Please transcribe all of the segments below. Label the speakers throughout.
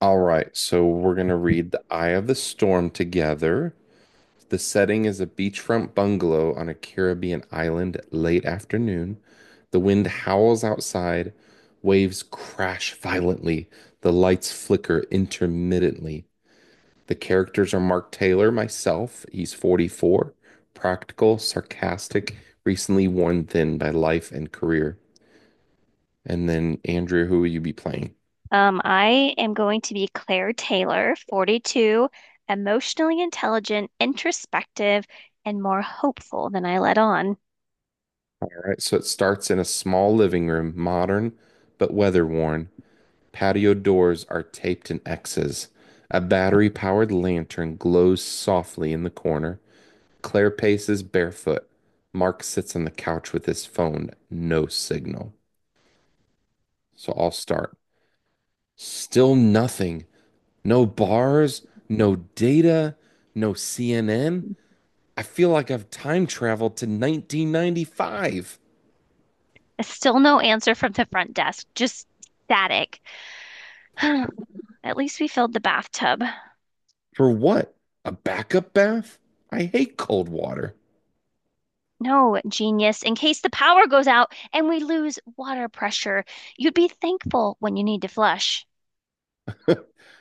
Speaker 1: All right, so we're going to read The Eye of the Storm together. The setting is a beachfront bungalow on a Caribbean island late afternoon. The wind howls outside, waves crash violently, the lights flicker intermittently. The characters are Mark Taylor, myself, he's 44, practical, sarcastic, recently worn thin by life and career. And then Andrea, who will you be playing?
Speaker 2: I am going to be Claire Taylor, 42, emotionally intelligent, introspective, and more hopeful than I let on.
Speaker 1: Right, so it starts in a small living room, modern but weather worn. Patio doors are taped in X's. A battery powered lantern glows softly in the corner. Claire paces barefoot. Mark sits on the couch with his phone. No signal. So I'll start. Still nothing. No bars, no data, no CNN. I feel like I've time traveled to 1995.
Speaker 2: Still no answer from the front desk, just static. At least we filled the bathtub.
Speaker 1: For what? A backup bath? I hate cold water.
Speaker 2: No, genius, in case the power goes out and we lose water pressure, you'd be thankful when you need to flush.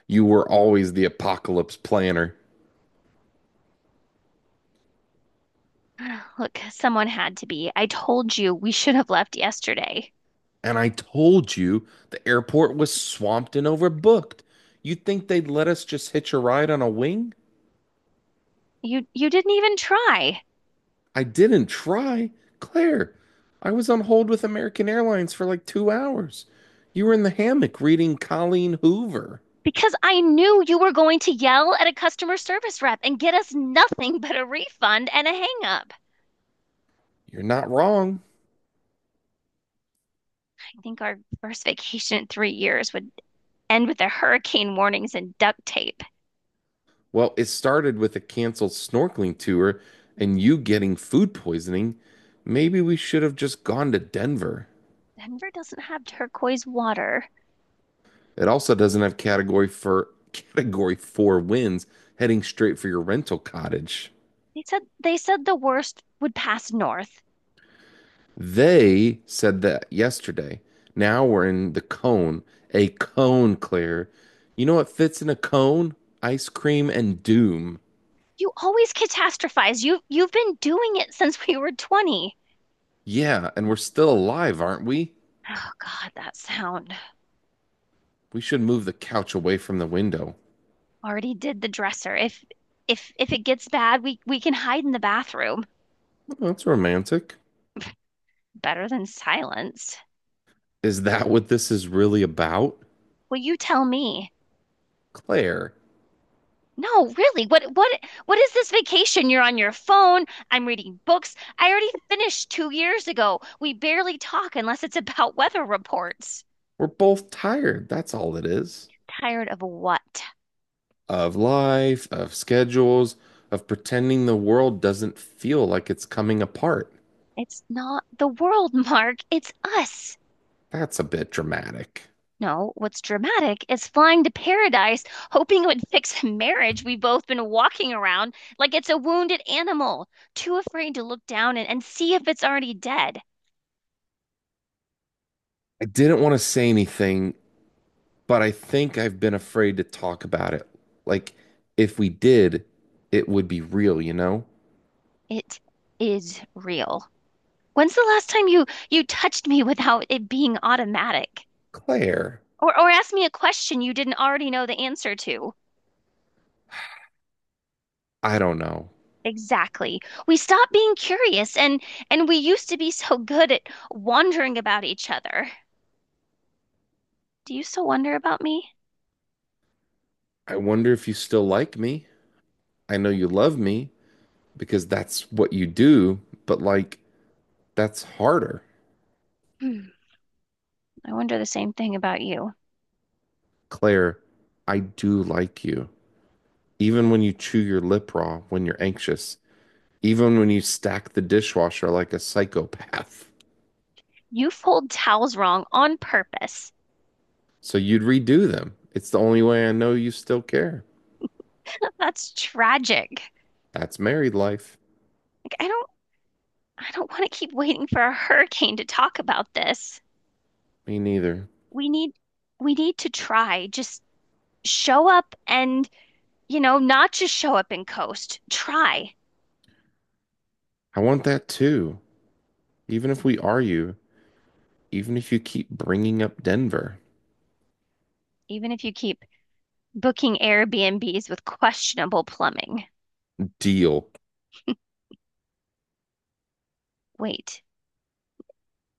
Speaker 1: You were always the apocalypse planner.
Speaker 2: Look, someone had to be. I told you we should have left yesterday.
Speaker 1: And I told you the airport was swamped and overbooked. You think they'd let us just hitch a ride on a wing?
Speaker 2: You didn't even try
Speaker 1: I didn't try. Claire, I was on hold with American Airlines for like 2 hours. You were in the hammock reading Colleen Hoover.
Speaker 2: because I knew you were going to yell at a customer service rep and get us nothing but a refund and a hang up.
Speaker 1: You're not wrong.
Speaker 2: I think our first vacation in 3 years would end with the hurricane warnings and duct tape.
Speaker 1: Well, it started with a canceled snorkeling tour and you getting food poisoning. Maybe we should have just gone to Denver.
Speaker 2: Denver doesn't have turquoise water.
Speaker 1: It also doesn't have category for category four winds heading straight for your rental cottage.
Speaker 2: They said the worst would pass north.
Speaker 1: They said that yesterday. Now we're in the cone. A cone, Claire. You know what fits in a cone? Ice cream and doom.
Speaker 2: You always catastrophize. You've been doing it since we were 20.
Speaker 1: Yeah, and we're still alive, aren't we?
Speaker 2: Oh God, that sound.
Speaker 1: We should move the couch away from the window.
Speaker 2: Already did the dresser. If it gets bad, we can hide in the bathroom.
Speaker 1: Well, that's romantic.
Speaker 2: Better than silence.
Speaker 1: Is that what this is really about?
Speaker 2: Well, you tell me.
Speaker 1: Claire,
Speaker 2: No, really. What is this vacation? You're on your phone. I'm reading books I already finished 2 years ago. We barely talk unless it's about weather reports.
Speaker 1: we're both tired. That's all it is.
Speaker 2: Tired of what?
Speaker 1: Of life, of schedules, of pretending the world doesn't feel like it's coming apart.
Speaker 2: It's not the world, Mark. It's us.
Speaker 1: That's a bit dramatic.
Speaker 2: No, what's dramatic is flying to paradise, hoping it would fix a marriage we've both been walking around like it's a wounded animal, too afraid to look down and, see if it's already dead.
Speaker 1: I didn't want to say anything, but I think I've been afraid to talk about it. Like, if we did, it would be real, you know?
Speaker 2: It is real. When's the last time you touched me without it being automatic?
Speaker 1: Claire,
Speaker 2: Or asked me a question you didn't already know the answer to?
Speaker 1: I don't know.
Speaker 2: Exactly. We stopped being curious and we used to be so good at wondering about each other. Do you still wonder about me?
Speaker 1: I wonder if you still like me. I know you love me because that's what you do, but like, that's harder.
Speaker 2: Hmm, I wonder the same thing about you.
Speaker 1: Claire, I do like you. Even when you chew your lip raw when you're anxious, even when you stack the dishwasher like a psychopath.
Speaker 2: You fold towels wrong on purpose.
Speaker 1: So you'd redo them. It's the only way I know you still care.
Speaker 2: That's tragic.
Speaker 1: That's married life.
Speaker 2: Like, I don't want to keep waiting for a hurricane to talk about this.
Speaker 1: Me neither.
Speaker 2: we need we need to try. Just show up and, not just show up and coast. Try.
Speaker 1: I want that too. Even if we are you, even if you keep bringing up Denver.
Speaker 2: Even if you keep booking Airbnbs with questionable plumbing.
Speaker 1: Deal.
Speaker 2: Wait,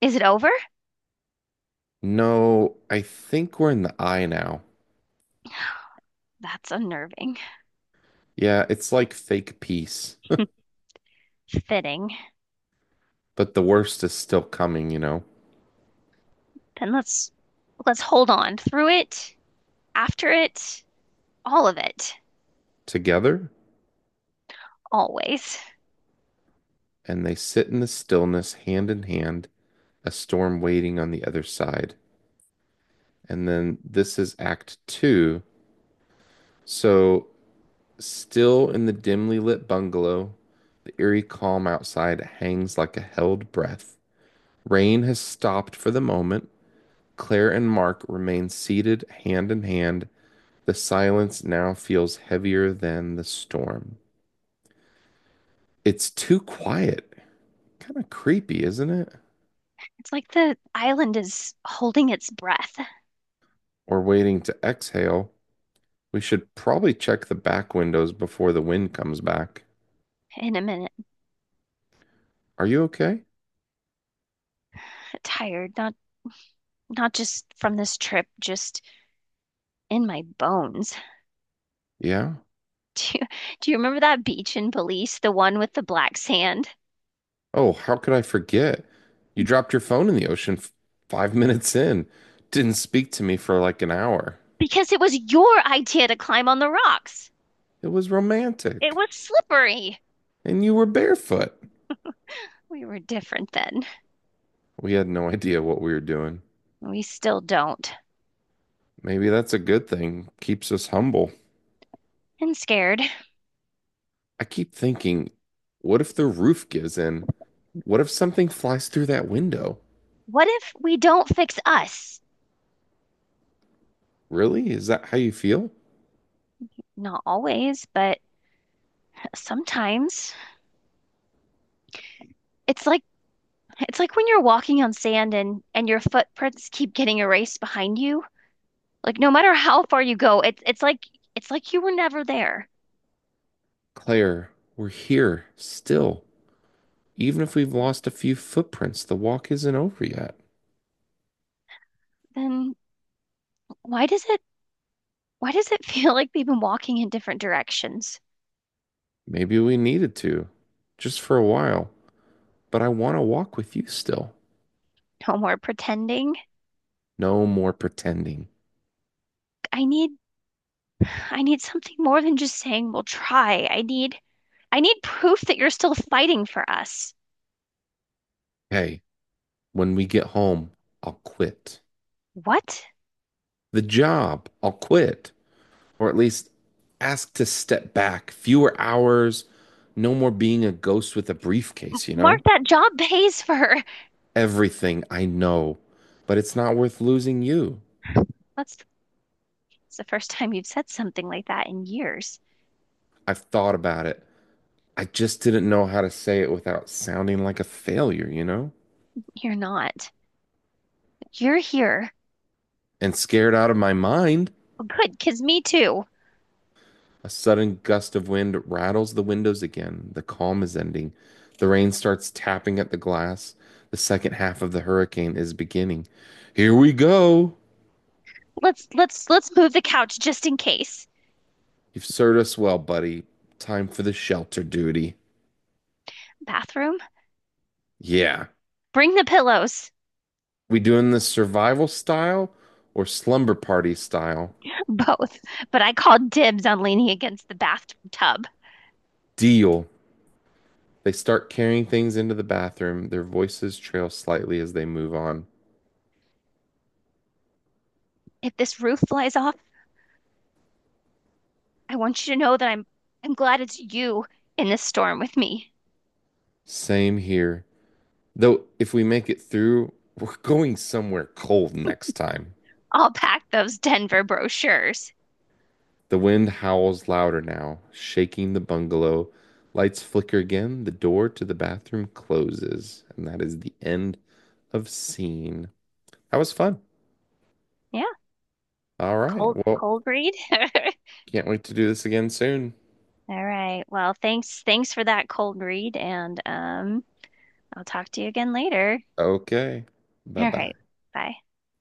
Speaker 2: is it over?
Speaker 1: No, I think we're in the eye now.
Speaker 2: That's unnerving.
Speaker 1: Yeah, it's like fake peace,
Speaker 2: Fitting.
Speaker 1: but the worst is still coming, you know.
Speaker 2: Then let's hold on through it, after it, all of it,
Speaker 1: Together?
Speaker 2: always.
Speaker 1: And they sit in the stillness, hand in hand, a storm waiting on the other side. And then this is Act Two. So, still in the dimly lit bungalow, the eerie calm outside hangs like a held breath. Rain has stopped for the moment. Claire and Mark remain seated hand in hand. The silence now feels heavier than the storm. It's too quiet. Kind of creepy, isn't it?
Speaker 2: It's like the island is holding its breath
Speaker 1: Or waiting to exhale. We should probably check the back windows before the wind comes back.
Speaker 2: in a minute.
Speaker 1: Are you okay?
Speaker 2: I'm tired, not just from this trip, just in my bones.
Speaker 1: Yeah.
Speaker 2: Do you, do you remember that beach in Belize, the one with the black sand?
Speaker 1: Oh, how could I forget? You dropped your phone in the ocean 5 minutes in. Didn't speak to me for like an hour.
Speaker 2: Because it was your idea to climb on the rocks.
Speaker 1: It was
Speaker 2: It
Speaker 1: romantic.
Speaker 2: was slippery.
Speaker 1: And you were barefoot.
Speaker 2: We were different then.
Speaker 1: We had no idea what we were doing.
Speaker 2: We still don't.
Speaker 1: Maybe that's a good thing. Keeps us humble.
Speaker 2: And scared.
Speaker 1: I keep thinking, what if the roof gives in? What if something flies through that window?
Speaker 2: What if we don't fix us?
Speaker 1: Really? Is that how you feel?
Speaker 2: Not always, but sometimes. It's like it's like when you're walking on sand and your footprints keep getting erased behind you. Like no matter how far you go, it's like you were never there.
Speaker 1: Claire, we're here still. Even if we've lost a few footprints, the walk isn't over yet.
Speaker 2: Then why does it why does it feel like we have been walking in different directions?
Speaker 1: Maybe we needed to, just for a while, but I want to walk with you still.
Speaker 2: No more pretending.
Speaker 1: No more pretending.
Speaker 2: I need I need something more than just saying we'll try. I need proof that you're still fighting for us.
Speaker 1: Hey, when we get home, I'll quit.
Speaker 2: What?
Speaker 1: The job, I'll quit. Or at least ask to step back. Fewer hours, no more being a ghost with a briefcase, you
Speaker 2: Mark,
Speaker 1: know?
Speaker 2: that job pays for.
Speaker 1: Everything I know, but it's not worth losing you.
Speaker 2: That's, that's the first time you've said something like that in years.
Speaker 1: I've thought about it. I just didn't know how to say it without sounding like a failure, you know?
Speaker 2: You're not. You're here.
Speaker 1: And scared out of my mind,
Speaker 2: Well, good, 'cause me too.
Speaker 1: a sudden gust of wind rattles the windows again. The calm is ending. The rain starts tapping at the glass. The second half of the hurricane is beginning. Here we go.
Speaker 2: Let's move the couch just in case.
Speaker 1: You've served us well, buddy. Time for the shelter duty.
Speaker 2: Bathroom?
Speaker 1: Yeah.
Speaker 2: Bring the pillows.
Speaker 1: We doing this survival style or slumber party style?
Speaker 2: Both. But I called dibs on leaning against the bathtub.
Speaker 1: Deal. They start carrying things into the bathroom. Their voices trail slightly as they move on.
Speaker 2: If this roof flies off, I want you to know that I'm glad it's you in this storm with me.
Speaker 1: Same here. Though, if we make it through, we're going somewhere cold next time.
Speaker 2: I'll pack those Denver brochures.
Speaker 1: The wind howls louder now, shaking the bungalow. Lights flicker again. The door to the bathroom closes. And that is the end of scene. That was fun.
Speaker 2: Yeah,
Speaker 1: All right.
Speaker 2: cold
Speaker 1: Well,
Speaker 2: cold read.
Speaker 1: can't wait to do this again soon.
Speaker 2: All right. Well, thanks for that cold read, and I'll talk to you again later.
Speaker 1: Okay. Bye
Speaker 2: All
Speaker 1: bye.
Speaker 2: right. Bye.